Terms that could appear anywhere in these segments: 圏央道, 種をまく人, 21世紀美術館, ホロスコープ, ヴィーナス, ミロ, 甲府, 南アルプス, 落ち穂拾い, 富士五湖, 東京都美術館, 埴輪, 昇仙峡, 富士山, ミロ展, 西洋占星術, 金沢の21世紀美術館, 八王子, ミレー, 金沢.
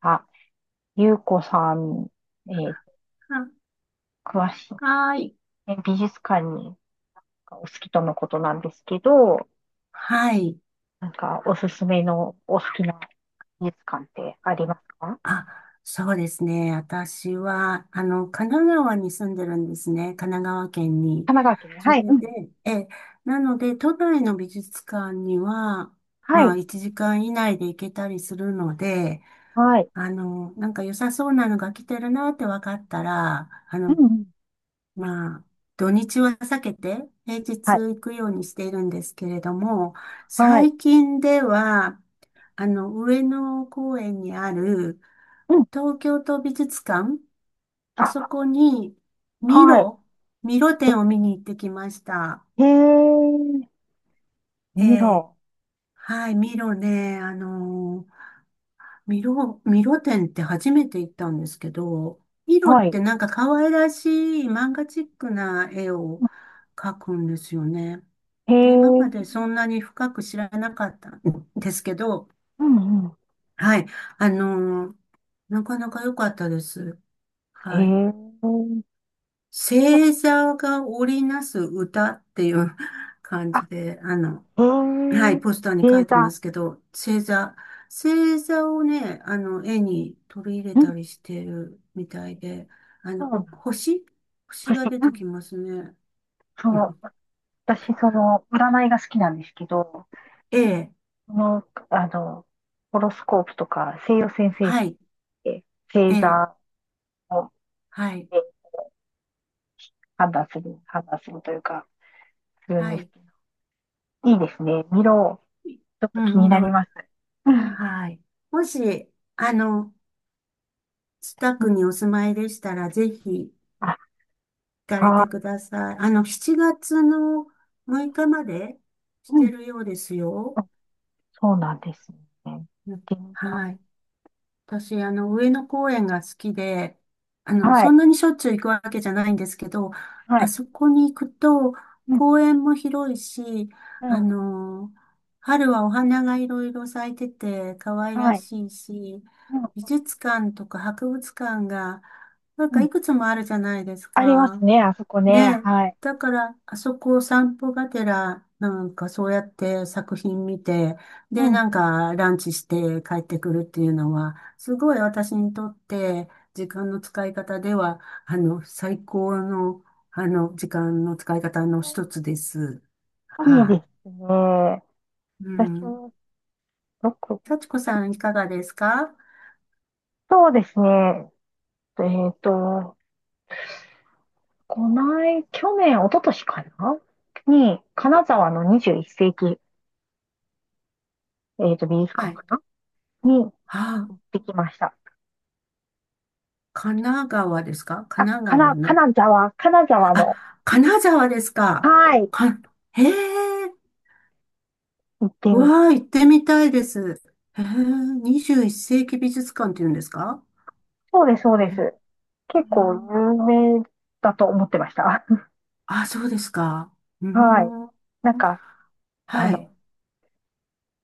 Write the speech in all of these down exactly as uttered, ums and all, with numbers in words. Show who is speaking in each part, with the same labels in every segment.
Speaker 1: あ、ゆうこさん、えー
Speaker 2: あ、
Speaker 1: 詳しい、
Speaker 2: はい。
Speaker 1: ね美術館にお好きとのことなんですけど、
Speaker 2: はい。
Speaker 1: なんかおすすめのお好きな美術館ってありますか？
Speaker 2: あ、そうですね。私は、あの、神奈川に住んでるんですね。神奈川県に。
Speaker 1: 神奈川県ね。
Speaker 2: そ
Speaker 1: はい。う
Speaker 2: れ
Speaker 1: ん。
Speaker 2: で、え、なので、都内の美術館には、
Speaker 1: は
Speaker 2: まあ、
Speaker 1: い、
Speaker 2: いちじかん以内で行けたりするので、
Speaker 1: はい、
Speaker 2: あの、なんか良さそうなのが来てるなって分かったら、あ
Speaker 1: う
Speaker 2: の、
Speaker 1: ん。うん、
Speaker 2: まあ、土日は避けて平日
Speaker 1: はい、
Speaker 2: 行くようにしているんですけれども、
Speaker 1: はい、
Speaker 2: 最近では、あの、上野公園にある
Speaker 1: うん、
Speaker 2: 東京都美術館、あそ
Speaker 1: あ、
Speaker 2: こにミ
Speaker 1: はい、
Speaker 2: ロ、ミロ展を見に行ってきました。
Speaker 1: へえ、
Speaker 2: え
Speaker 1: ミ
Speaker 2: え、
Speaker 1: ロ、
Speaker 2: はい、ミロね、あのミロ、ミロ展って初めて行ったんですけど、ミロっ
Speaker 1: はい、
Speaker 2: てなんか可愛らしい漫画チックな絵を描くんですよね。
Speaker 1: へ
Speaker 2: で、今
Speaker 1: え、
Speaker 2: までそんなに深く知らなかったんですけど、
Speaker 1: うん、うん、
Speaker 2: はい。あのーなかなか良かったです。
Speaker 1: へ
Speaker 2: はい。
Speaker 1: え、
Speaker 2: 星座が織りなす歌っていう 感
Speaker 1: あ、
Speaker 2: じで、あの、
Speaker 1: へ
Speaker 2: は
Speaker 1: え、
Speaker 2: い、ポスターに書
Speaker 1: 星
Speaker 2: いてま
Speaker 1: 座、
Speaker 2: すけど、星座、星座をね、あの、絵に取り入れ
Speaker 1: うん、
Speaker 2: たりしてるみたいで、あ
Speaker 1: そ
Speaker 2: の、
Speaker 1: うな
Speaker 2: お
Speaker 1: ん、
Speaker 2: 星星
Speaker 1: 不
Speaker 2: が出
Speaker 1: う
Speaker 2: てき
Speaker 1: ん、
Speaker 2: ますね。
Speaker 1: そ
Speaker 2: う
Speaker 1: う。
Speaker 2: ん、
Speaker 1: 私、その、占いが好きなんですけど、
Speaker 2: A
Speaker 1: その、あの、ホロスコープとか西洋占 星
Speaker 2: は
Speaker 1: 術っ
Speaker 2: い、
Speaker 1: て星
Speaker 2: A、
Speaker 1: 座を
Speaker 2: はい、
Speaker 1: で判断する、判断するというか、するん
Speaker 2: は
Speaker 1: です
Speaker 2: い。
Speaker 1: けど、いいですね。見ろ。ちょっ
Speaker 2: う
Speaker 1: と気
Speaker 2: ん、
Speaker 1: になり
Speaker 2: 色、
Speaker 1: ます。うん、
Speaker 2: はい。もし、あの、近くにお住まいでしたら、ぜひ行
Speaker 1: あ、
Speaker 2: かれて
Speaker 1: あ
Speaker 2: ください。あの、しちがつのむいかまでし
Speaker 1: ーう
Speaker 2: て
Speaker 1: ん。
Speaker 2: るようですよ。
Speaker 1: あ、そうなんですね。行っ
Speaker 2: うん、
Speaker 1: てみた
Speaker 2: は
Speaker 1: い。
Speaker 2: い。私、あの、上野公園が好きで、あの、
Speaker 1: は
Speaker 2: そん
Speaker 1: い。
Speaker 2: なにしょっちゅう行くわけじゃないんですけど、
Speaker 1: は
Speaker 2: あ
Speaker 1: い。
Speaker 2: そこに行くと、
Speaker 1: うん。
Speaker 2: 公園も広いし、
Speaker 1: う
Speaker 2: あ
Speaker 1: ん。
Speaker 2: の、春はお花がいろいろ咲いてて、可愛
Speaker 1: は
Speaker 2: ら
Speaker 1: い。
Speaker 2: しいし、
Speaker 1: う
Speaker 2: 美
Speaker 1: ん。
Speaker 2: 術館とか博物館が、なん
Speaker 1: う
Speaker 2: か
Speaker 1: ん。
Speaker 2: いくつもあるじゃないです
Speaker 1: あります
Speaker 2: か。
Speaker 1: ね。あそこ
Speaker 2: ね
Speaker 1: ね。
Speaker 2: え。
Speaker 1: はい。
Speaker 2: だから、あそこを散歩がてら、なんかそうやって作品見て、
Speaker 1: う
Speaker 2: で、
Speaker 1: ん。
Speaker 2: なん
Speaker 1: うん、
Speaker 2: かランチして帰ってくるっていうのは、すごい私にとって、時間の使い方では、あの、最高の、あの、時間の使い方の一つです。
Speaker 1: いいで
Speaker 2: は
Speaker 1: すね。
Speaker 2: い。う
Speaker 1: 私
Speaker 2: ん。
Speaker 1: はどこ
Speaker 2: 幸子さん、いかがですか？
Speaker 1: そうですね。えっと、こない、去年、一昨年かなに、金沢のにじゅういっ世紀、えっと、美術
Speaker 2: は
Speaker 1: 館
Speaker 2: い。
Speaker 1: かなに
Speaker 2: あ、
Speaker 1: 行ってきました。
Speaker 2: 神奈川ですか？神
Speaker 1: あ、
Speaker 2: 奈
Speaker 1: か
Speaker 2: 川
Speaker 1: な、
Speaker 2: の。
Speaker 1: 金沢、金沢の、
Speaker 2: あ、金沢ですか。
Speaker 1: はい、
Speaker 2: か、へえ。
Speaker 1: 行って
Speaker 2: う
Speaker 1: み、
Speaker 2: わあ、行ってみたいです。へえ、にじゅういっせいき世紀美術館って言うんですか？
Speaker 1: そうです、そうで
Speaker 2: へえ。
Speaker 1: す。結構有名だと思ってました。
Speaker 2: あ、そうですか。う
Speaker 1: はい。
Speaker 2: ん。
Speaker 1: なんか、あ
Speaker 2: はい。
Speaker 1: の、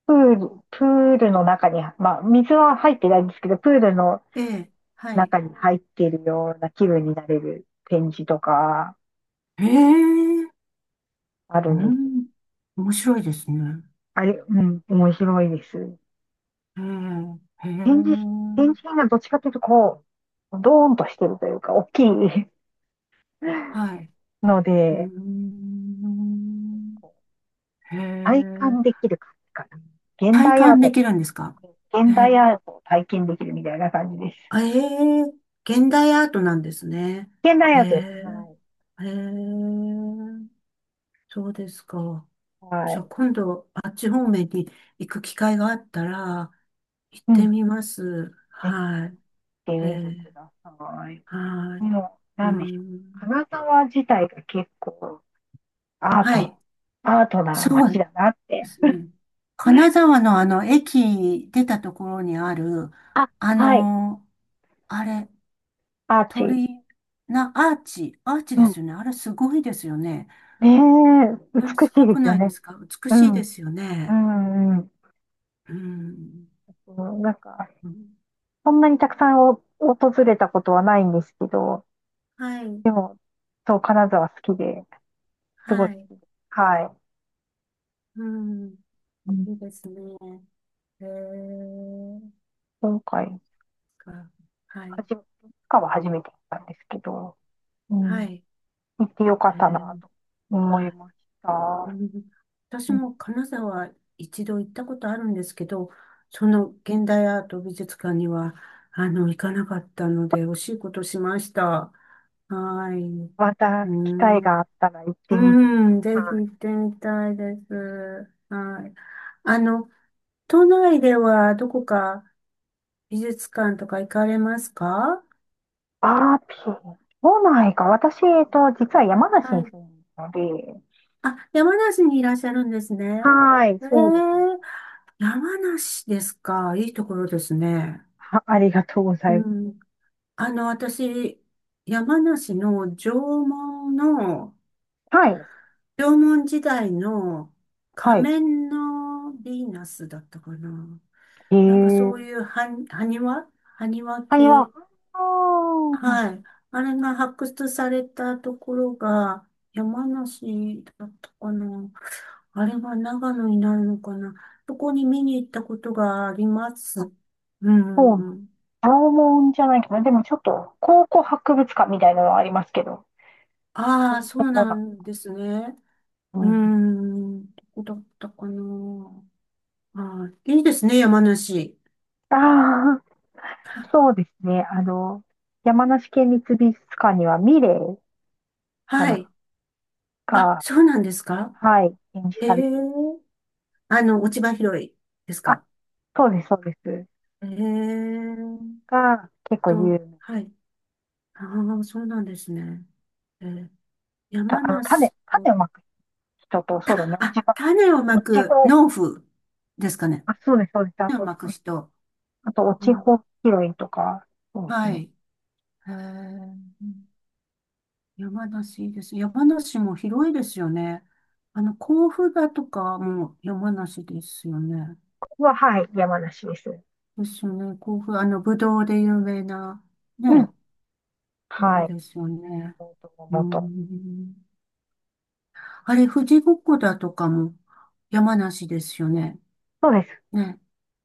Speaker 1: プール、プールの中に、まあ、水は入ってないんですけど、プールの
Speaker 2: ええ、はい。
Speaker 1: 中に入っているような気分になれる展示とか、
Speaker 2: へえ、
Speaker 1: あ
Speaker 2: う
Speaker 1: るんです。
Speaker 2: ん。面白いですね。
Speaker 1: あれ、うん、面白いです。
Speaker 2: へえ、へ
Speaker 1: 展示、
Speaker 2: え、
Speaker 1: 展示品がどっちかというと、こう、ドーンとしてるというか、大きい
Speaker 2: はい。
Speaker 1: の
Speaker 2: う
Speaker 1: で、
Speaker 2: ん。
Speaker 1: こう
Speaker 2: へ
Speaker 1: 体
Speaker 2: え、
Speaker 1: 感できる感じかな。現
Speaker 2: 体
Speaker 1: 代アー
Speaker 2: 感で
Speaker 1: ト
Speaker 2: きるんですか？
Speaker 1: の、
Speaker 2: へ
Speaker 1: 現代
Speaker 2: え、
Speaker 1: アートを体験できるみたいな感じです。
Speaker 2: あええ、現代アートなんですね。
Speaker 1: 現代
Speaker 2: へ
Speaker 1: アートです。
Speaker 2: え、
Speaker 1: はい。
Speaker 2: へえ。そうですか。
Speaker 1: は
Speaker 2: じゃあ
Speaker 1: い。
Speaker 2: 今度、あっち方面に行く機会があったら、行っ
Speaker 1: うん。
Speaker 2: て
Speaker 1: ぜ
Speaker 2: みます。
Speaker 1: ひ、行
Speaker 2: は
Speaker 1: っ
Speaker 2: い。
Speaker 1: て
Speaker 2: え
Speaker 1: みてく
Speaker 2: ー、
Speaker 1: ださい。
Speaker 2: はい。
Speaker 1: もう、
Speaker 2: うー
Speaker 1: なんでしょう。
Speaker 2: ん。
Speaker 1: 金沢自体が結構、アー
Speaker 2: は
Speaker 1: ト、
Speaker 2: い。
Speaker 1: アートな
Speaker 2: そ
Speaker 1: 街
Speaker 2: う
Speaker 1: だなっ
Speaker 2: で
Speaker 1: て。
Speaker 2: すね。金沢のあの、駅出たところにある、
Speaker 1: あ、
Speaker 2: あ
Speaker 1: はい。
Speaker 2: の、あれ、
Speaker 1: アーチ。
Speaker 2: 鳥居な、アーチ、アーチ
Speaker 1: う
Speaker 2: で
Speaker 1: ん。
Speaker 2: すよね。あれすごいですよね。
Speaker 1: ねえ、
Speaker 2: あ
Speaker 1: 美
Speaker 2: れす
Speaker 1: しい
Speaker 2: ご
Speaker 1: で
Speaker 2: く
Speaker 1: すよ
Speaker 2: ないで
Speaker 1: ね。
Speaker 2: すか？美
Speaker 1: う
Speaker 2: しい
Speaker 1: ん。
Speaker 2: ですよ
Speaker 1: う
Speaker 2: ね。
Speaker 1: ん、うん。
Speaker 2: うん。
Speaker 1: そう、なんか、
Speaker 2: うん、
Speaker 1: そんなにたくさんお訪れたことはないんですけど、
Speaker 2: はい。
Speaker 1: でも、そう、金沢好きで、すごい
Speaker 2: は
Speaker 1: 好
Speaker 2: い。
Speaker 1: きです。は
Speaker 2: うん。
Speaker 1: い。うん、
Speaker 2: いいですね。へえ、
Speaker 1: 今回、
Speaker 2: か、は
Speaker 1: は
Speaker 2: い、
Speaker 1: じめ、いつかは初めて行ったんですけど、う
Speaker 2: は
Speaker 1: ん、
Speaker 2: い、
Speaker 1: 行ってよかっ
Speaker 2: へ
Speaker 1: たな
Speaker 2: え、
Speaker 1: と思
Speaker 2: は
Speaker 1: いまし
Speaker 2: い。う
Speaker 1: た。
Speaker 2: ん、私
Speaker 1: うん、
Speaker 2: も金沢いちど行ったことあるんですけど、その現代アート美術館には、あの、行かなかったので、惜しいことしました。はい。
Speaker 1: また
Speaker 2: う
Speaker 1: 機会が
Speaker 2: ん、
Speaker 1: あったら行ってみてく
Speaker 2: う
Speaker 1: だ
Speaker 2: ん、ぜひ
Speaker 1: さい。
Speaker 2: 行ってみたいです。はい。あの、都内ではどこか美術館とか行かれますか？
Speaker 1: あー、ピー、都内か。私、えっと、実は山梨
Speaker 2: は
Speaker 1: に
Speaker 2: い、
Speaker 1: 住んでるので、
Speaker 2: あ、山梨にいらっしゃるんですね。
Speaker 1: はい、
Speaker 2: え
Speaker 1: そうですね。
Speaker 2: え、山梨ですか。いいところですね。
Speaker 1: は、ありがとうござ
Speaker 2: う
Speaker 1: います。
Speaker 2: ん。あの、私、山梨の縄文の、
Speaker 1: はい、
Speaker 2: 縄文時代の
Speaker 1: は
Speaker 2: 仮
Speaker 1: い。
Speaker 2: 面のヴィーナスだったかな。なんかそう
Speaker 1: え
Speaker 2: い
Speaker 1: え、
Speaker 2: う埴埴輪埴輪
Speaker 1: カニは、
Speaker 2: 系。
Speaker 1: あー
Speaker 2: はい。あれが発掘されたところが山梨だったかな。あれは長野になるのかな。そこに見に行ったことがありま
Speaker 1: あ、
Speaker 2: す。う
Speaker 1: そうなん
Speaker 2: ん。
Speaker 1: 青門じゃないかな。でもちょっと、考古博物館みたいなのはありますけど、そ
Speaker 2: あ
Speaker 1: う
Speaker 2: あ、
Speaker 1: いう
Speaker 2: そ
Speaker 1: と
Speaker 2: う
Speaker 1: こ
Speaker 2: な
Speaker 1: なん
Speaker 2: んですね。
Speaker 1: う
Speaker 2: う
Speaker 1: ん。
Speaker 2: ん。どこだったかな。ああ、いいですね、山梨。
Speaker 1: ああ、そうですね。あの、山梨県立美術館にはミレーか
Speaker 2: は
Speaker 1: な、
Speaker 2: い。あ、
Speaker 1: が、
Speaker 2: そうなんですか。
Speaker 1: はい、展示
Speaker 2: え
Speaker 1: され
Speaker 2: え、
Speaker 1: てる。
Speaker 2: あの、落ち葉拾いです
Speaker 1: あ、
Speaker 2: か？
Speaker 1: そうです、そうです。
Speaker 2: ええ
Speaker 1: が、結構
Speaker 2: と、
Speaker 1: 有名。
Speaker 2: はい。ああ、そうなんですね。えー
Speaker 1: た、
Speaker 2: 山
Speaker 1: あの、種、
Speaker 2: 梨の、
Speaker 1: 種をまく人と、
Speaker 2: た、
Speaker 1: そうだね、落ち
Speaker 2: あ、
Speaker 1: 葉、
Speaker 2: 種をま
Speaker 1: 落ち
Speaker 2: く
Speaker 1: 穂。
Speaker 2: 農夫ですかね。
Speaker 1: あ、そうです、そうです。あ
Speaker 2: 種を
Speaker 1: と、
Speaker 2: まく人。
Speaker 1: あと、落
Speaker 2: う
Speaker 1: ち
Speaker 2: ん、
Speaker 1: 穂拾いとか、そうです
Speaker 2: は
Speaker 1: ね。
Speaker 2: い。へえ、うん、山梨いいですね、山梨も広いですよね。あの、甲府だとかも山梨ですよね。
Speaker 1: は、はい、山梨です。
Speaker 2: ですよね。甲府、あの、ぶどうで有名な、
Speaker 1: う
Speaker 2: ね、
Speaker 1: ん。
Speaker 2: ところ
Speaker 1: はい。
Speaker 2: ですよね。
Speaker 1: と
Speaker 2: うー
Speaker 1: 元。
Speaker 2: ん。あれ、富士五湖だとかも山梨ですよね。
Speaker 1: そうです。
Speaker 2: ね。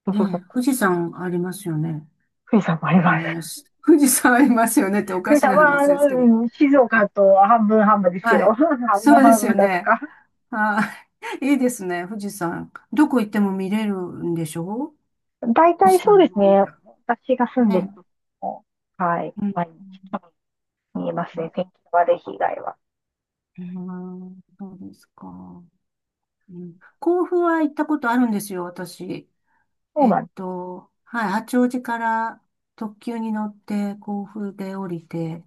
Speaker 1: 富士五
Speaker 2: ね。
Speaker 1: 湖。
Speaker 2: 富士山ありますよね。
Speaker 1: 富士山もあります。
Speaker 2: 山梨。富士山ありますよねってお
Speaker 1: 富
Speaker 2: か
Speaker 1: 士
Speaker 2: し
Speaker 1: 山
Speaker 2: な
Speaker 1: は、
Speaker 2: 話
Speaker 1: あ
Speaker 2: ですけど。
Speaker 1: の、うん、静岡と半分半分ですけ
Speaker 2: は
Speaker 1: ど、
Speaker 2: い。
Speaker 1: 半
Speaker 2: そ
Speaker 1: 分
Speaker 2: うで
Speaker 1: 半
Speaker 2: すよ
Speaker 1: 分だった
Speaker 2: ね。
Speaker 1: か。
Speaker 2: はい いいですね、富士山。どこ行っても見れるんでしょ？
Speaker 1: 大
Speaker 2: 富
Speaker 1: 体
Speaker 2: 士
Speaker 1: そう
Speaker 2: 山の
Speaker 1: です
Speaker 2: 方み
Speaker 1: ね。
Speaker 2: たい
Speaker 1: 私が住んで
Speaker 2: な。
Speaker 1: る
Speaker 2: ね。
Speaker 1: とこも、はい、
Speaker 2: うん。
Speaker 1: 毎日見えますね。天気の悪い被害は。
Speaker 2: うん、そうですか。うん、甲府は行ったことあるんですよ、私。
Speaker 1: そう
Speaker 2: えっ
Speaker 1: なんです。
Speaker 2: と、はい、八王子から特急に乗って甲府で降りて、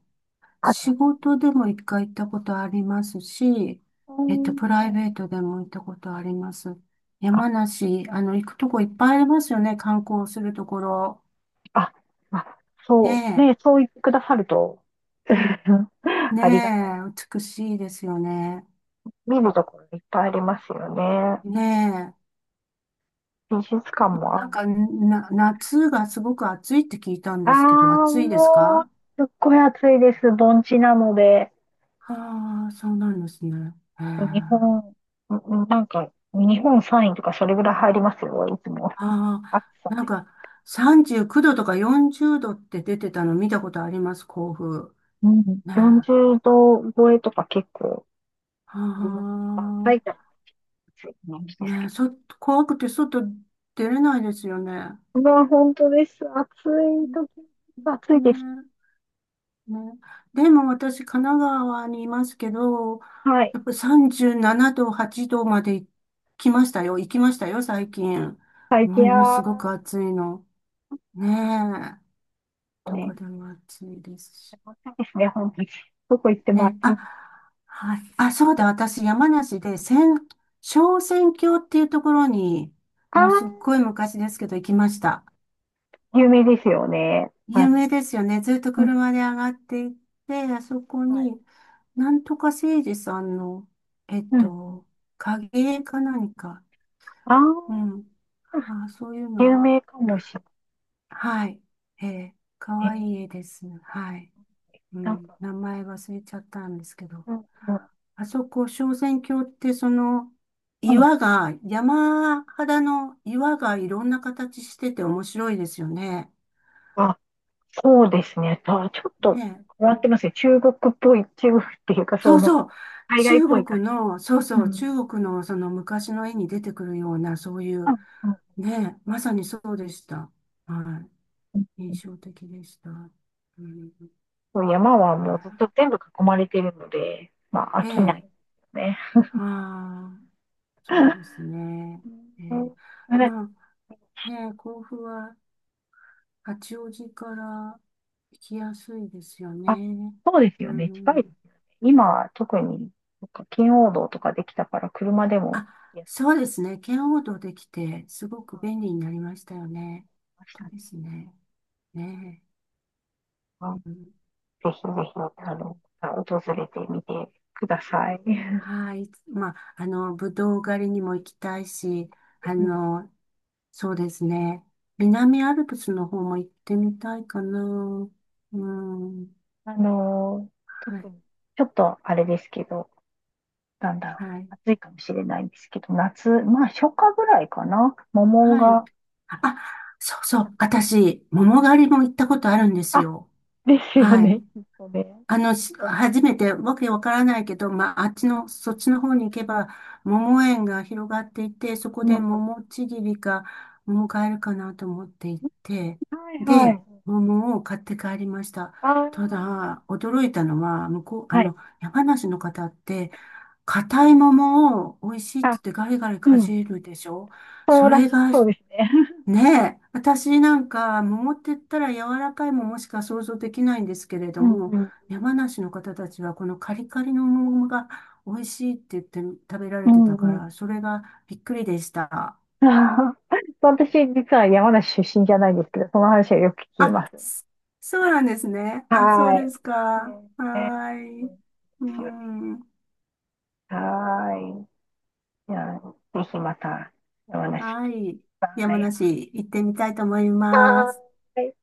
Speaker 2: 仕
Speaker 1: あ、
Speaker 2: 事でもいっかい行ったことありますし、
Speaker 1: う
Speaker 2: えっと、
Speaker 1: ん、
Speaker 2: プ
Speaker 1: う
Speaker 2: ライ
Speaker 1: ん、
Speaker 2: ベートでも行ったことあります。山梨、あの、行くとこいっぱいありますよね、観光するところ。
Speaker 1: あ、まあ、そう、
Speaker 2: ね
Speaker 1: ね、そう言ってくださると、
Speaker 2: え、ね
Speaker 1: ありがたい。
Speaker 2: え、美しいですよね。
Speaker 1: 見るところいっぱいありますよね。
Speaker 2: ねえ。
Speaker 1: 美術館
Speaker 2: でも
Speaker 1: もあ
Speaker 2: な
Speaker 1: る
Speaker 2: ん
Speaker 1: んだ。
Speaker 2: か、な、夏がすごく暑いって聞いたん
Speaker 1: あ
Speaker 2: ですけど、
Speaker 1: あ、
Speaker 2: 暑いです
Speaker 1: もう、
Speaker 2: か？
Speaker 1: すっごい暑いです。盆地なので、
Speaker 2: ああ、そうなんですね。へえ、
Speaker 1: 日
Speaker 2: あ
Speaker 1: 本、んなんか、日本さんいとかそれぐらい入りますよ、いつも。
Speaker 2: あ、
Speaker 1: 暑さ
Speaker 2: なん
Speaker 1: で。
Speaker 2: か、さんじゅうきゅうどとかよんじゅうどって出てたの見たことあります、甲府。
Speaker 1: うん、
Speaker 2: ねえ。
Speaker 1: 40
Speaker 2: あ
Speaker 1: 度超えとか結構
Speaker 2: あ、
Speaker 1: ありますね。まあ、埼玉暑いイメージです
Speaker 2: ねえ、
Speaker 1: け
Speaker 2: そ、怖くて外出れないですよね。
Speaker 1: ど。まあ、本当です。暑い時、暑いです。
Speaker 2: ね、ね、でも私、神奈川にいますけど、
Speaker 1: はい。
Speaker 2: やっぱさんじゅうななど、はちどまで来ましたよ。行きましたよ、最近。
Speaker 1: 最
Speaker 2: も
Speaker 1: 近
Speaker 2: のすご
Speaker 1: は
Speaker 2: く暑いの。ねえ。ど
Speaker 1: ね、
Speaker 2: こでも暑いですし。
Speaker 1: 暑いですね、本当に。どこ行っても暑
Speaker 2: ね、
Speaker 1: い
Speaker 2: あ、
Speaker 1: です。
Speaker 2: はい。あ、そうだ、私、山梨で、千、小仙峡っていうところに、
Speaker 1: ああ、
Speaker 2: もうすっごい昔ですけど、行きました。
Speaker 1: 有名ですよね。あ
Speaker 2: 有
Speaker 1: の、
Speaker 2: 名ですよね。ずっと
Speaker 1: うん、
Speaker 2: 車で上がっていって、あそこ
Speaker 1: はい。
Speaker 2: に、なんとかせいじさんの、えっ
Speaker 1: うん。
Speaker 2: と、影絵か何か。
Speaker 1: ああ、
Speaker 2: うん。あー、そういう
Speaker 1: 有
Speaker 2: の。
Speaker 1: 名かもしれ
Speaker 2: はい。ええ、か
Speaker 1: な
Speaker 2: わい
Speaker 1: い。
Speaker 2: い絵です。はい。う
Speaker 1: なん
Speaker 2: ん。
Speaker 1: か、
Speaker 2: 名前忘れちゃったんですけど。
Speaker 1: うん、うん、
Speaker 2: あそこ、昇仙峡って、その、
Speaker 1: うん。
Speaker 2: 岩が、山肌の岩がいろんな形してて面白いですよね。
Speaker 1: あ、そうですね。あ、ちょっと
Speaker 2: ね、
Speaker 1: 変わってますね。中国っぽい、中国っていうか、
Speaker 2: そ
Speaker 1: そ
Speaker 2: うそ
Speaker 1: の、
Speaker 2: う。
Speaker 1: 海外っ
Speaker 2: 中
Speaker 1: ぽい感
Speaker 2: 国
Speaker 1: じ。
Speaker 2: の、そう
Speaker 1: う
Speaker 2: そう、
Speaker 1: ん。
Speaker 2: 中国のその昔の絵に出てくるような、そうい
Speaker 1: う
Speaker 2: う、
Speaker 1: ん、うん、
Speaker 2: ね、まさにそうでした。は
Speaker 1: う
Speaker 2: い。印
Speaker 1: ん。
Speaker 2: 象的でした。うん、
Speaker 1: そう、山は
Speaker 2: は
Speaker 1: もうずっと全部囲まれているので、まあ、
Speaker 2: い、
Speaker 1: 飽
Speaker 2: え
Speaker 1: きないで
Speaker 2: え、
Speaker 1: すよね。
Speaker 2: は、あ、そうですね。え
Speaker 1: う
Speaker 2: え、
Speaker 1: ん、
Speaker 2: まあ、ね、甲府は八王子から行きやすいですよ
Speaker 1: あ、
Speaker 2: ね。
Speaker 1: そうです
Speaker 2: う
Speaker 1: よね。近いで
Speaker 2: ん。
Speaker 1: すよね。今は特に、なんか圏央道とかできたから、車でも
Speaker 2: あ、
Speaker 1: やって
Speaker 2: そうですね。圏央道できて、すごく便利になりましたよね。
Speaker 1: ました
Speaker 2: 本
Speaker 1: ね。
Speaker 2: 当ですね。ね
Speaker 1: あ、
Speaker 2: え。
Speaker 1: ぜ
Speaker 2: うん、
Speaker 1: ひぜひ、あの、訪れてみてください。
Speaker 2: はい。まあ、あの、ぶどう狩りにも行きたいし、あ
Speaker 1: うん、
Speaker 2: の、そうですね。南アルプスの方も行ってみたいかな。うん。
Speaker 1: あの、
Speaker 2: は
Speaker 1: 特
Speaker 2: い。
Speaker 1: に、ちょっとあれですけど、なんだろう、
Speaker 2: はい。
Speaker 1: 暑いかもしれないんですけど、夏、まあ、初夏ぐらいかな、桃
Speaker 2: はい。
Speaker 1: が
Speaker 2: あ、そうそ
Speaker 1: た
Speaker 2: う。
Speaker 1: くさん。
Speaker 2: 私、桃狩りも行ったことあるんです
Speaker 1: あ、
Speaker 2: よ。
Speaker 1: ですよ
Speaker 2: は
Speaker 1: ね、
Speaker 2: い。
Speaker 1: きっとね。
Speaker 2: あの、し初めて、わけわからないけど、まあ、あっちの、そっちの方に行けば、桃園が広がっていて、そこ
Speaker 1: うん、
Speaker 2: で
Speaker 1: は
Speaker 2: 桃ちぎりか、桃買えるかなと思って行って、
Speaker 1: い、は
Speaker 2: で、
Speaker 1: い。
Speaker 2: 桃を買って帰りました。
Speaker 1: ああ、
Speaker 2: ただ、驚いたのは、向こう、あ
Speaker 1: はい。
Speaker 2: の、山梨の方って、硬い桃を美味しいって言
Speaker 1: あ、
Speaker 2: ってガリガリ
Speaker 1: う
Speaker 2: か
Speaker 1: ん、
Speaker 2: じるでしょ？
Speaker 1: そ
Speaker 2: そ
Speaker 1: うら
Speaker 2: れ
Speaker 1: しい、
Speaker 2: が、
Speaker 1: そうですね。
Speaker 2: ねえ、私なんか、桃って言ったら柔らかい桃しか想像できないんですけれど
Speaker 1: うん、
Speaker 2: も、
Speaker 1: うん。
Speaker 2: 山梨の方たちはこのカリカリの桃が美味しいって言って食べら
Speaker 1: う
Speaker 2: れて
Speaker 1: ん、
Speaker 2: たか
Speaker 1: う
Speaker 2: ら、
Speaker 1: ん。
Speaker 2: それがびっくりでした。
Speaker 1: 私、実は山梨出身じゃないんですけど、その話はよく聞き
Speaker 2: あ、
Speaker 1: ます。
Speaker 2: そそうなんですね。あ、そう
Speaker 1: は
Speaker 2: で
Speaker 1: い、
Speaker 2: すか。は
Speaker 1: ね、ね、う
Speaker 2: ーい。
Speaker 1: ん、
Speaker 2: う
Speaker 1: そうです、
Speaker 2: ん。
Speaker 1: はーい。じゃあ、ぜひまた山梨き
Speaker 2: はい。
Speaker 1: た
Speaker 2: 山
Speaker 1: い。い。
Speaker 2: 梨行ってみたいと思いま
Speaker 1: は
Speaker 2: す。
Speaker 1: ーい。